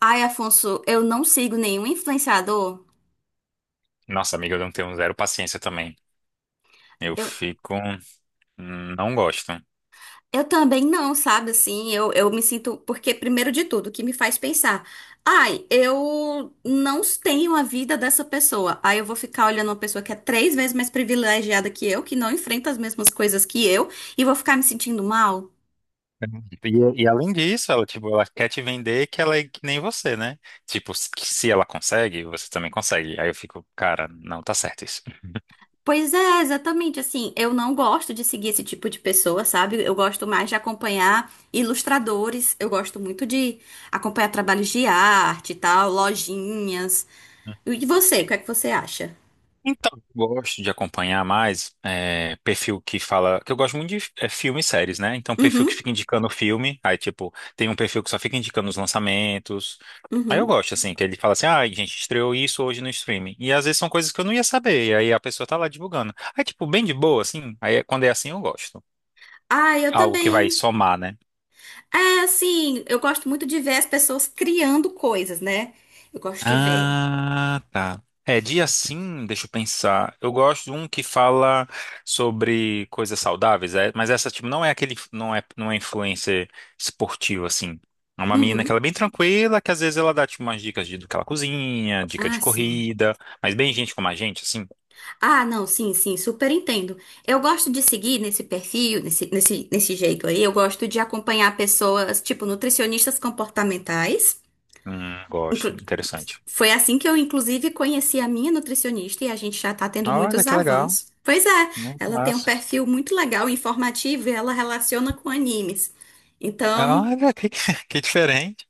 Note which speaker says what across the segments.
Speaker 1: Ai, Afonso, eu não sigo nenhum influenciador.
Speaker 2: Nossa, amiga, eu não tenho zero paciência também. Eu
Speaker 1: Eu,
Speaker 2: fico. Não gosto.
Speaker 1: eu também não, sabe? Assim, eu me sinto. Porque, primeiro de tudo, o que me faz pensar? Ai, eu não tenho a vida dessa pessoa. Aí eu vou ficar olhando uma pessoa que é três vezes mais privilegiada que eu, que não enfrenta as mesmas coisas que eu, e vou ficar me sentindo mal.
Speaker 2: E além disso, ela, tipo, ela quer te vender que ela é que nem você, né? Tipo, se ela consegue, você também consegue. Aí eu fico, cara, não tá certo isso.
Speaker 1: Pois é, exatamente assim. Eu não gosto de seguir esse tipo de pessoa, sabe? Eu gosto mais de acompanhar ilustradores, eu gosto muito de acompanhar trabalhos de arte e tal, lojinhas. E você, o
Speaker 2: Sim.
Speaker 1: que é que você acha?
Speaker 2: Então, eu gosto de acompanhar mais perfil que fala. Que eu gosto muito de filme e séries, né? Então, perfil que
Speaker 1: Uhum,
Speaker 2: fica indicando filme. Aí, tipo, tem um perfil que só fica indicando os lançamentos. Aí eu
Speaker 1: uhum.
Speaker 2: gosto, assim, que ele fala assim, ah, a gente estreou isso hoje no streaming. E às vezes são coisas que eu não ia saber, e aí a pessoa tá lá divulgando. Aí, tipo, bem de boa, assim, quando é assim eu gosto.
Speaker 1: Ah, eu
Speaker 2: Algo que
Speaker 1: também.
Speaker 2: vai somar, né?
Speaker 1: É, assim, eu gosto muito de ver as pessoas criando coisas, né? Eu gosto de ver.
Speaker 2: Ah, tá. É, dia sim, deixa eu pensar. Eu gosto de um que fala sobre coisas saudáveis, mas essa, tipo, não é aquele, não é influencer esportiva, assim. É uma menina que
Speaker 1: Uhum.
Speaker 2: ela é bem tranquila, que às vezes ela dá, tipo, umas dicas de, do que ela cozinha, dica de
Speaker 1: Ah, sim.
Speaker 2: corrida, mas bem gente como a gente, assim.
Speaker 1: Ah, não, sim, sim, super entendo. Eu gosto de seguir nesse perfil, nesse jeito aí. Eu gosto de acompanhar pessoas, tipo, nutricionistas comportamentais.
Speaker 2: Gosto,
Speaker 1: Inclu-
Speaker 2: interessante.
Speaker 1: Foi assim que eu, inclusive, conheci a minha nutricionista e a gente já tá tendo
Speaker 2: Olha
Speaker 1: muitos
Speaker 2: que legal,
Speaker 1: avanços. Pois é,
Speaker 2: né?
Speaker 1: ela tem um
Speaker 2: Massa.
Speaker 1: perfil muito legal, informativo, e ela relaciona com animes. Então,
Speaker 2: Olha que, que diferente.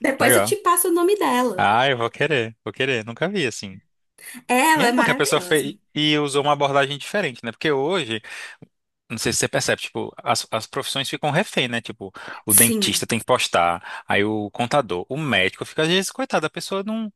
Speaker 1: depois eu te
Speaker 2: Legal.
Speaker 1: passo o nome dela.
Speaker 2: Ah, eu vou querer, vou querer. Nunca vi assim. E
Speaker 1: Ela
Speaker 2: é
Speaker 1: é
Speaker 2: bom que a pessoa
Speaker 1: maravilhosa.
Speaker 2: fez e usou uma abordagem diferente, né? Porque hoje, não sei se você percebe, tipo, as profissões ficam refém, né? Tipo, o dentista
Speaker 1: Sim,
Speaker 2: tem que postar, aí o contador, o médico fica, às vezes, coitado, a pessoa não.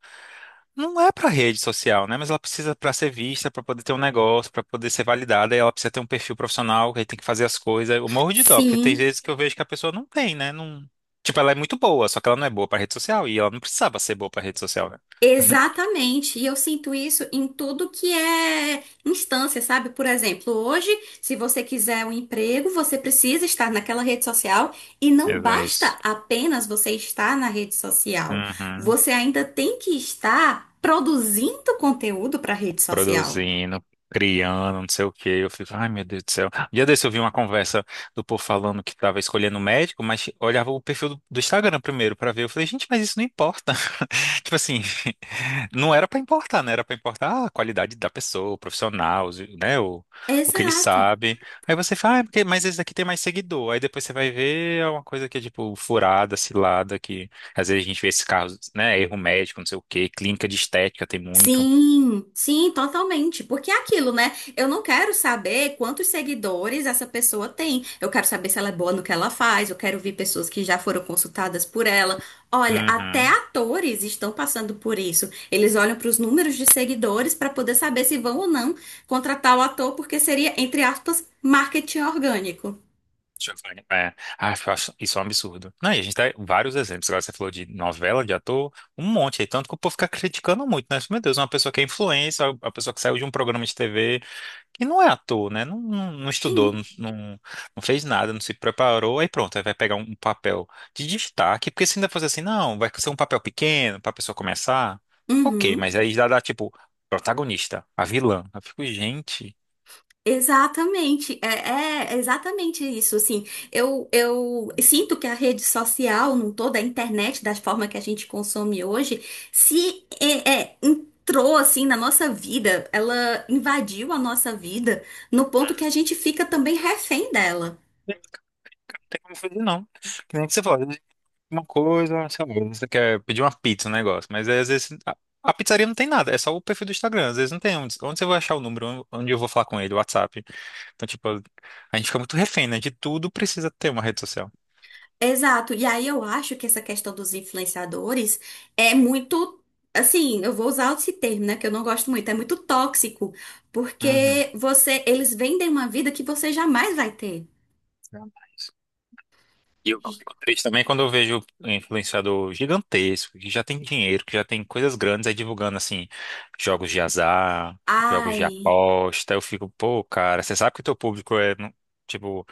Speaker 2: Não é para rede social, né? Mas ela precisa para ser vista, para poder ter um negócio, para poder ser validada, e ela precisa ter um perfil profissional, que aí tem que fazer as coisas. Eu morro de dó, porque tem
Speaker 1: sim.
Speaker 2: vezes que eu vejo que a pessoa não tem, né? Não. Tipo, ela é muito boa, só que ela não é boa para rede social e ela não precisava ser boa para rede social, né?
Speaker 1: Exatamente, e eu sinto isso em tudo que é instância, sabe? Por exemplo, hoje, se você quiser um emprego, você precisa estar naquela rede social e não
Speaker 2: Mesmo
Speaker 1: basta
Speaker 2: isso.
Speaker 1: apenas você estar na rede social,
Speaker 2: Uhum.
Speaker 1: você ainda tem que estar produzindo conteúdo para a rede social.
Speaker 2: Produzindo, criando, não sei o quê. Eu fico, ai meu Deus do céu. Um dia desse eu vi uma conversa do povo falando que tava escolhendo médico, mas olhava o perfil do Instagram primeiro pra ver. Eu falei, gente, mas isso não importa. Tipo assim, não era pra importar, né? Era pra importar a qualidade da pessoa, o profissional, né? O que ele
Speaker 1: Exato.
Speaker 2: sabe. Aí você fala, ah, é porque, mas esse daqui tem mais seguidor. Aí depois você vai ver é uma coisa que é tipo furada, cilada, que às vezes a gente vê esses carros, né? Erro médico, não sei o quê, clínica de estética tem muito.
Speaker 1: Sim, sim, totalmente. Porque é aquilo, né? Eu não quero saber quantos seguidores essa pessoa tem. Eu quero saber se ela é boa no que ela faz. Eu quero ver pessoas que já foram consultadas por ela. Olha, até
Speaker 2: Uhum.
Speaker 1: atores estão passando por isso. Eles olham para os números de seguidores para poder saber se vão ou não contratar o ator, porque seria, entre aspas, marketing orgânico.
Speaker 2: Deixa eu ver. É, ah, eu acho isso é um absurdo. Não, e a gente tem vários exemplos. Agora você falou de novela, de ator, um monte aí. Tanto que o povo fica criticando muito, né? Tipo, meu Deus, uma pessoa que é influencer, uma pessoa que saiu de um programa de TV, que não é ator, né? Não estudou,
Speaker 1: Sim.
Speaker 2: não fez nada, não se preparou. Aí pronto, aí vai pegar um papel de destaque. Porque se ainda fosse assim, não, vai ser um papel pequeno pra pessoa começar. Ok,
Speaker 1: Uhum.
Speaker 2: mas aí já dá tipo, protagonista, a vilã. Eu fico, gente.
Speaker 1: Exatamente, é exatamente isso, assim, eu sinto que a rede social, não toda a internet, da forma que a gente consome hoje, se entrou, assim, na nossa vida, ela invadiu a nossa vida, no ponto que a gente fica também refém dela.
Speaker 2: Não tem como fazer, não. Que nem que você falou. Uma coisa, sei lá, você quer pedir uma pizza, um negócio, mas aí, às vezes a pizzaria não tem nada, é só o perfil do Instagram, às vezes não tem onde, onde você vai achar o número, onde eu vou falar com ele, o WhatsApp. Então, tipo, a gente fica muito refém, né? De tudo precisa ter uma rede social.
Speaker 1: Exato. E aí eu acho que essa questão dos influenciadores é muito, assim, eu vou usar esse termo, né, que eu não gosto muito, é muito tóxico,
Speaker 2: Uhum.
Speaker 1: porque você, eles vendem uma vida que você jamais vai ter.
Speaker 2: Jamais. E eu fico triste também quando eu vejo um influenciador gigantesco, que já tem dinheiro, que já tem coisas grandes aí divulgando, assim, jogos de azar, jogos de
Speaker 1: Ai.
Speaker 2: aposta. Eu fico, pô, cara, você sabe que o teu público tipo,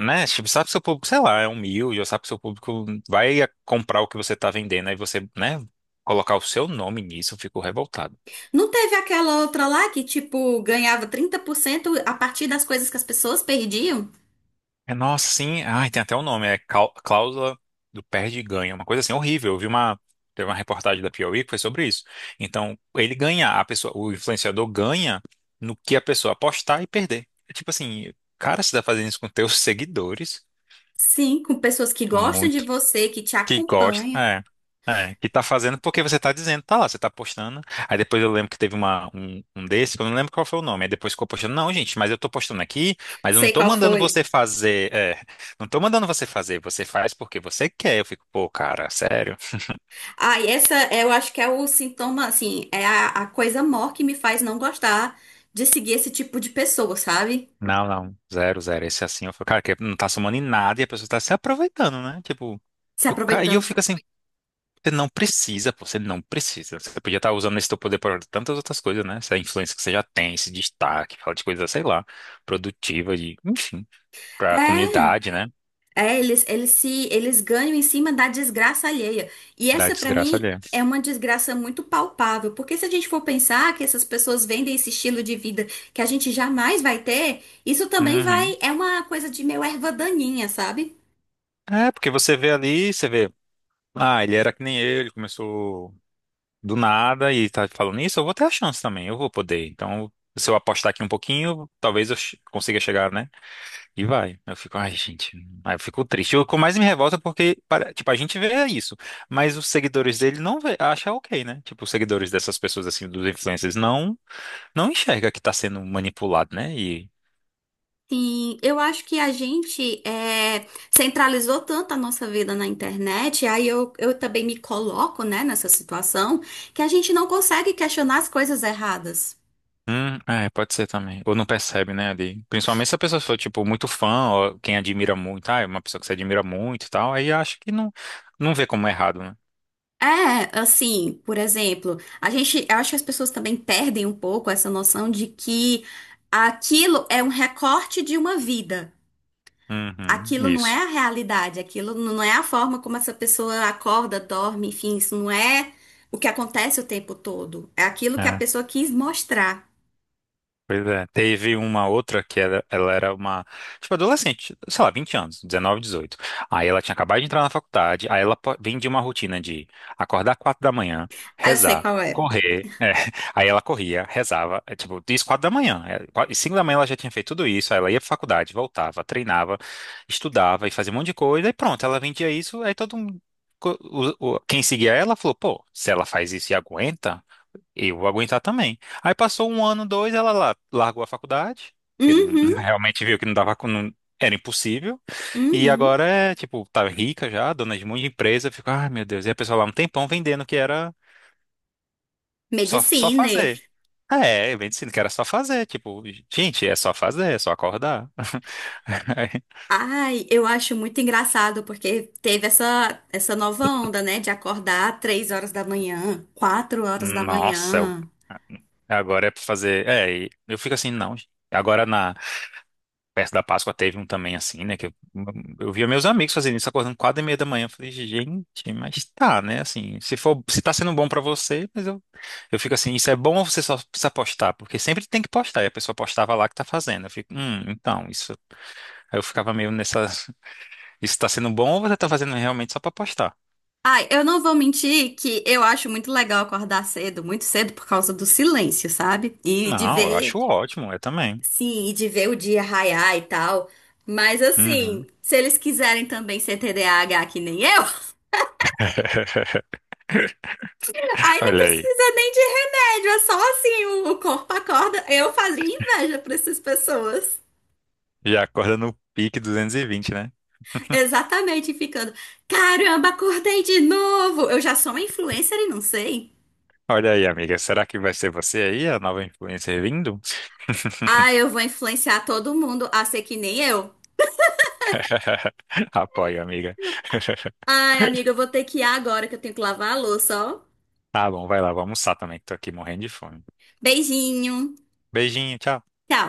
Speaker 2: né? Tipo, sabe que seu público, sei lá, é humilde, ou sabe que seu público vai comprar o que você tá vendendo, aí você, né, colocar o seu nome nisso, eu fico revoltado.
Speaker 1: Não teve aquela outra lá que, tipo, ganhava 30% a partir das coisas que as pessoas perdiam?
Speaker 2: É, nossa, sim, ai, tem até o um nome, é cláusula do perde e ganha, uma coisa assim horrível. Teve uma reportagem da Piauí que foi sobre isso. Então, ele ganha, a pessoa, o influenciador ganha no que a pessoa apostar e perder. É tipo assim, cara, você tá fazendo isso com teus seguidores?
Speaker 1: Sim, com pessoas que gostam de você, que te
Speaker 2: Que gosta,
Speaker 1: acompanham.
Speaker 2: que tá fazendo porque você tá dizendo, tá lá, você tá postando. Aí depois eu lembro que teve um desse, que eu não lembro qual foi o nome. Aí depois ficou postando, não, gente, mas eu tô postando aqui, mas eu não
Speaker 1: Sei
Speaker 2: tô
Speaker 1: qual
Speaker 2: mandando
Speaker 1: foi.
Speaker 2: você fazer, não tô mandando você fazer, você faz porque você quer. Eu fico, pô, cara, sério?
Speaker 1: Ah, e essa é, eu acho que é o sintoma, assim, é a coisa maior que me faz não gostar de seguir esse tipo de pessoa, sabe?
Speaker 2: Não, não, zero, zero. Esse é assim, eu fico, cara, que não tá somando em nada e a pessoa tá se aproveitando, né? Tipo,
Speaker 1: Se
Speaker 2: e eu
Speaker 1: aproveitando.
Speaker 2: fico assim, você não precisa, pô, você não precisa. Você podia estar usando esse teu poder para tantas outras coisas, né? Essa influência que você já tem, esse destaque, fala de coisas, sei lá, produtiva, de, enfim, pra
Speaker 1: É,
Speaker 2: comunidade, né?
Speaker 1: eles, eles se, eles ganham em cima da desgraça alheia. E
Speaker 2: Da
Speaker 1: essa, pra
Speaker 2: desgraça
Speaker 1: mim,
Speaker 2: alheia.
Speaker 1: é uma desgraça muito palpável, porque se a gente for pensar que essas pessoas vendem esse estilo de vida que a gente jamais vai ter, isso também
Speaker 2: Uhum.
Speaker 1: vai, é uma coisa de meio erva daninha, sabe?
Speaker 2: É, porque você vê ali, você vê, ah, ele era que nem eu, ele começou do nada e tá falando isso, eu vou ter a chance também, eu vou poder. Então, se eu apostar aqui um pouquinho, talvez eu consiga chegar, né? E vai. Eu fico, ai, gente. Aí eu fico triste. O que mais me revolta é porque, tipo, a gente vê isso, mas os seguidores dele não vê, acha ok, né? Tipo, os seguidores dessas pessoas, assim, dos influencers, não enxerga que tá sendo manipulado, né? E.
Speaker 1: Sim, eu acho que a gente centralizou tanto a nossa vida na internet, aí eu também me coloco, né, nessa situação, que a gente não consegue questionar as coisas erradas.
Speaker 2: É, pode ser também. Ou não percebe, né, ali. Principalmente se a pessoa for, tipo, muito fã, ou quem admira muito, ah, é uma pessoa que você admira muito e tal, aí acha que não, não vê como errado, né?
Speaker 1: É, assim, por exemplo, a gente, eu acho que as pessoas também perdem um pouco essa noção de que aquilo é um recorte de uma vida.
Speaker 2: Uhum,
Speaker 1: Aquilo não é
Speaker 2: isso.
Speaker 1: a realidade, aquilo não é a forma como essa pessoa acorda, dorme, enfim, isso não é o que acontece o tempo todo. É aquilo que a
Speaker 2: É.
Speaker 1: pessoa quis mostrar.
Speaker 2: Pois é. Teve uma outra que era, ela era uma, tipo, adolescente, sei lá, 20 anos, 19 18. Aí ela tinha acabado de entrar na faculdade, aí vem de uma rotina de acordar 4 da manhã,
Speaker 1: Ah, eu sei
Speaker 2: rezar,
Speaker 1: qual é.
Speaker 2: correr. É. Aí ela corria, rezava, tipo, isso 4 da manhã. E 5 da manhã ela já tinha feito tudo isso, aí ela ia pra faculdade, voltava, treinava, estudava e fazia um monte de coisa, e pronto, ela vendia isso, aí todo mundo. Quem seguia ela falou, pô, se ela faz isso e aguenta. Eu vou aguentar também. Aí passou um ano, dois, largou a faculdade, porque não-
Speaker 1: Uhum,
Speaker 2: realmente viu que não dava, com- não- era impossível. E
Speaker 1: uhum.
Speaker 2: agora é, tipo, tá rica já, dona de muita empresa, fica, ai meu Deus, e a pessoa lá um tempão vendendo que era só
Speaker 1: Mediciner.
Speaker 2: fazer. É, vendendo que era só fazer, tipo, gente, é só fazer, é só acordar.
Speaker 1: Ai, eu acho muito engraçado porque teve essa, nova onda, né, de acordar 3 horas da manhã, quatro horas da
Speaker 2: Nossa, eu-
Speaker 1: manhã.
Speaker 2: agora é pra fazer. É, e eu fico assim, não. Agora na Perto da Páscoa teve um também assim, né? Eu via meus amigos fazendo isso, acordando 4h30 da manhã. Eu falei, gente, mas tá, né? Assim, se for, se tá sendo bom pra você, eu fico assim, isso é bom ou você só precisa postar? Porque sempre tem que postar, e a pessoa postava lá que tá fazendo. Eu fico, então, isso. Aí eu ficava meio nessa, isso tá sendo bom ou você tá fazendo realmente só pra postar?
Speaker 1: Ai, eu não vou mentir que eu acho muito legal acordar cedo, muito cedo por causa do silêncio, sabe? E de
Speaker 2: Não, eu
Speaker 1: ver.
Speaker 2: acho ótimo, eu também.
Speaker 1: Sim, e de ver o dia raiar e tal. Mas assim,
Speaker 2: Uhum.
Speaker 1: se eles quiserem também ser TDAH que nem eu, aí não
Speaker 2: Olha aí,
Speaker 1: precisa nem de remédio, é só assim, o corpo acorda. Eu fazia inveja pra essas pessoas.
Speaker 2: já acorda no pique 220, né?
Speaker 1: Exatamente, ficando, caramba, acordei de novo. Eu já sou uma influencer e não sei.
Speaker 2: Olha aí, amiga. Será que vai ser você aí, a nova influencer vindo?
Speaker 1: Ah, eu vou influenciar todo mundo a ser que nem eu.
Speaker 2: Apoio, amiga.
Speaker 1: Ai, amiga, eu vou ter que ir agora que eu tenho que lavar a louça, ó.
Speaker 2: Tá bom, vai lá, vou almoçar também, que tô aqui morrendo de fome.
Speaker 1: Beijinho.
Speaker 2: Beijinho, tchau.
Speaker 1: Tchau.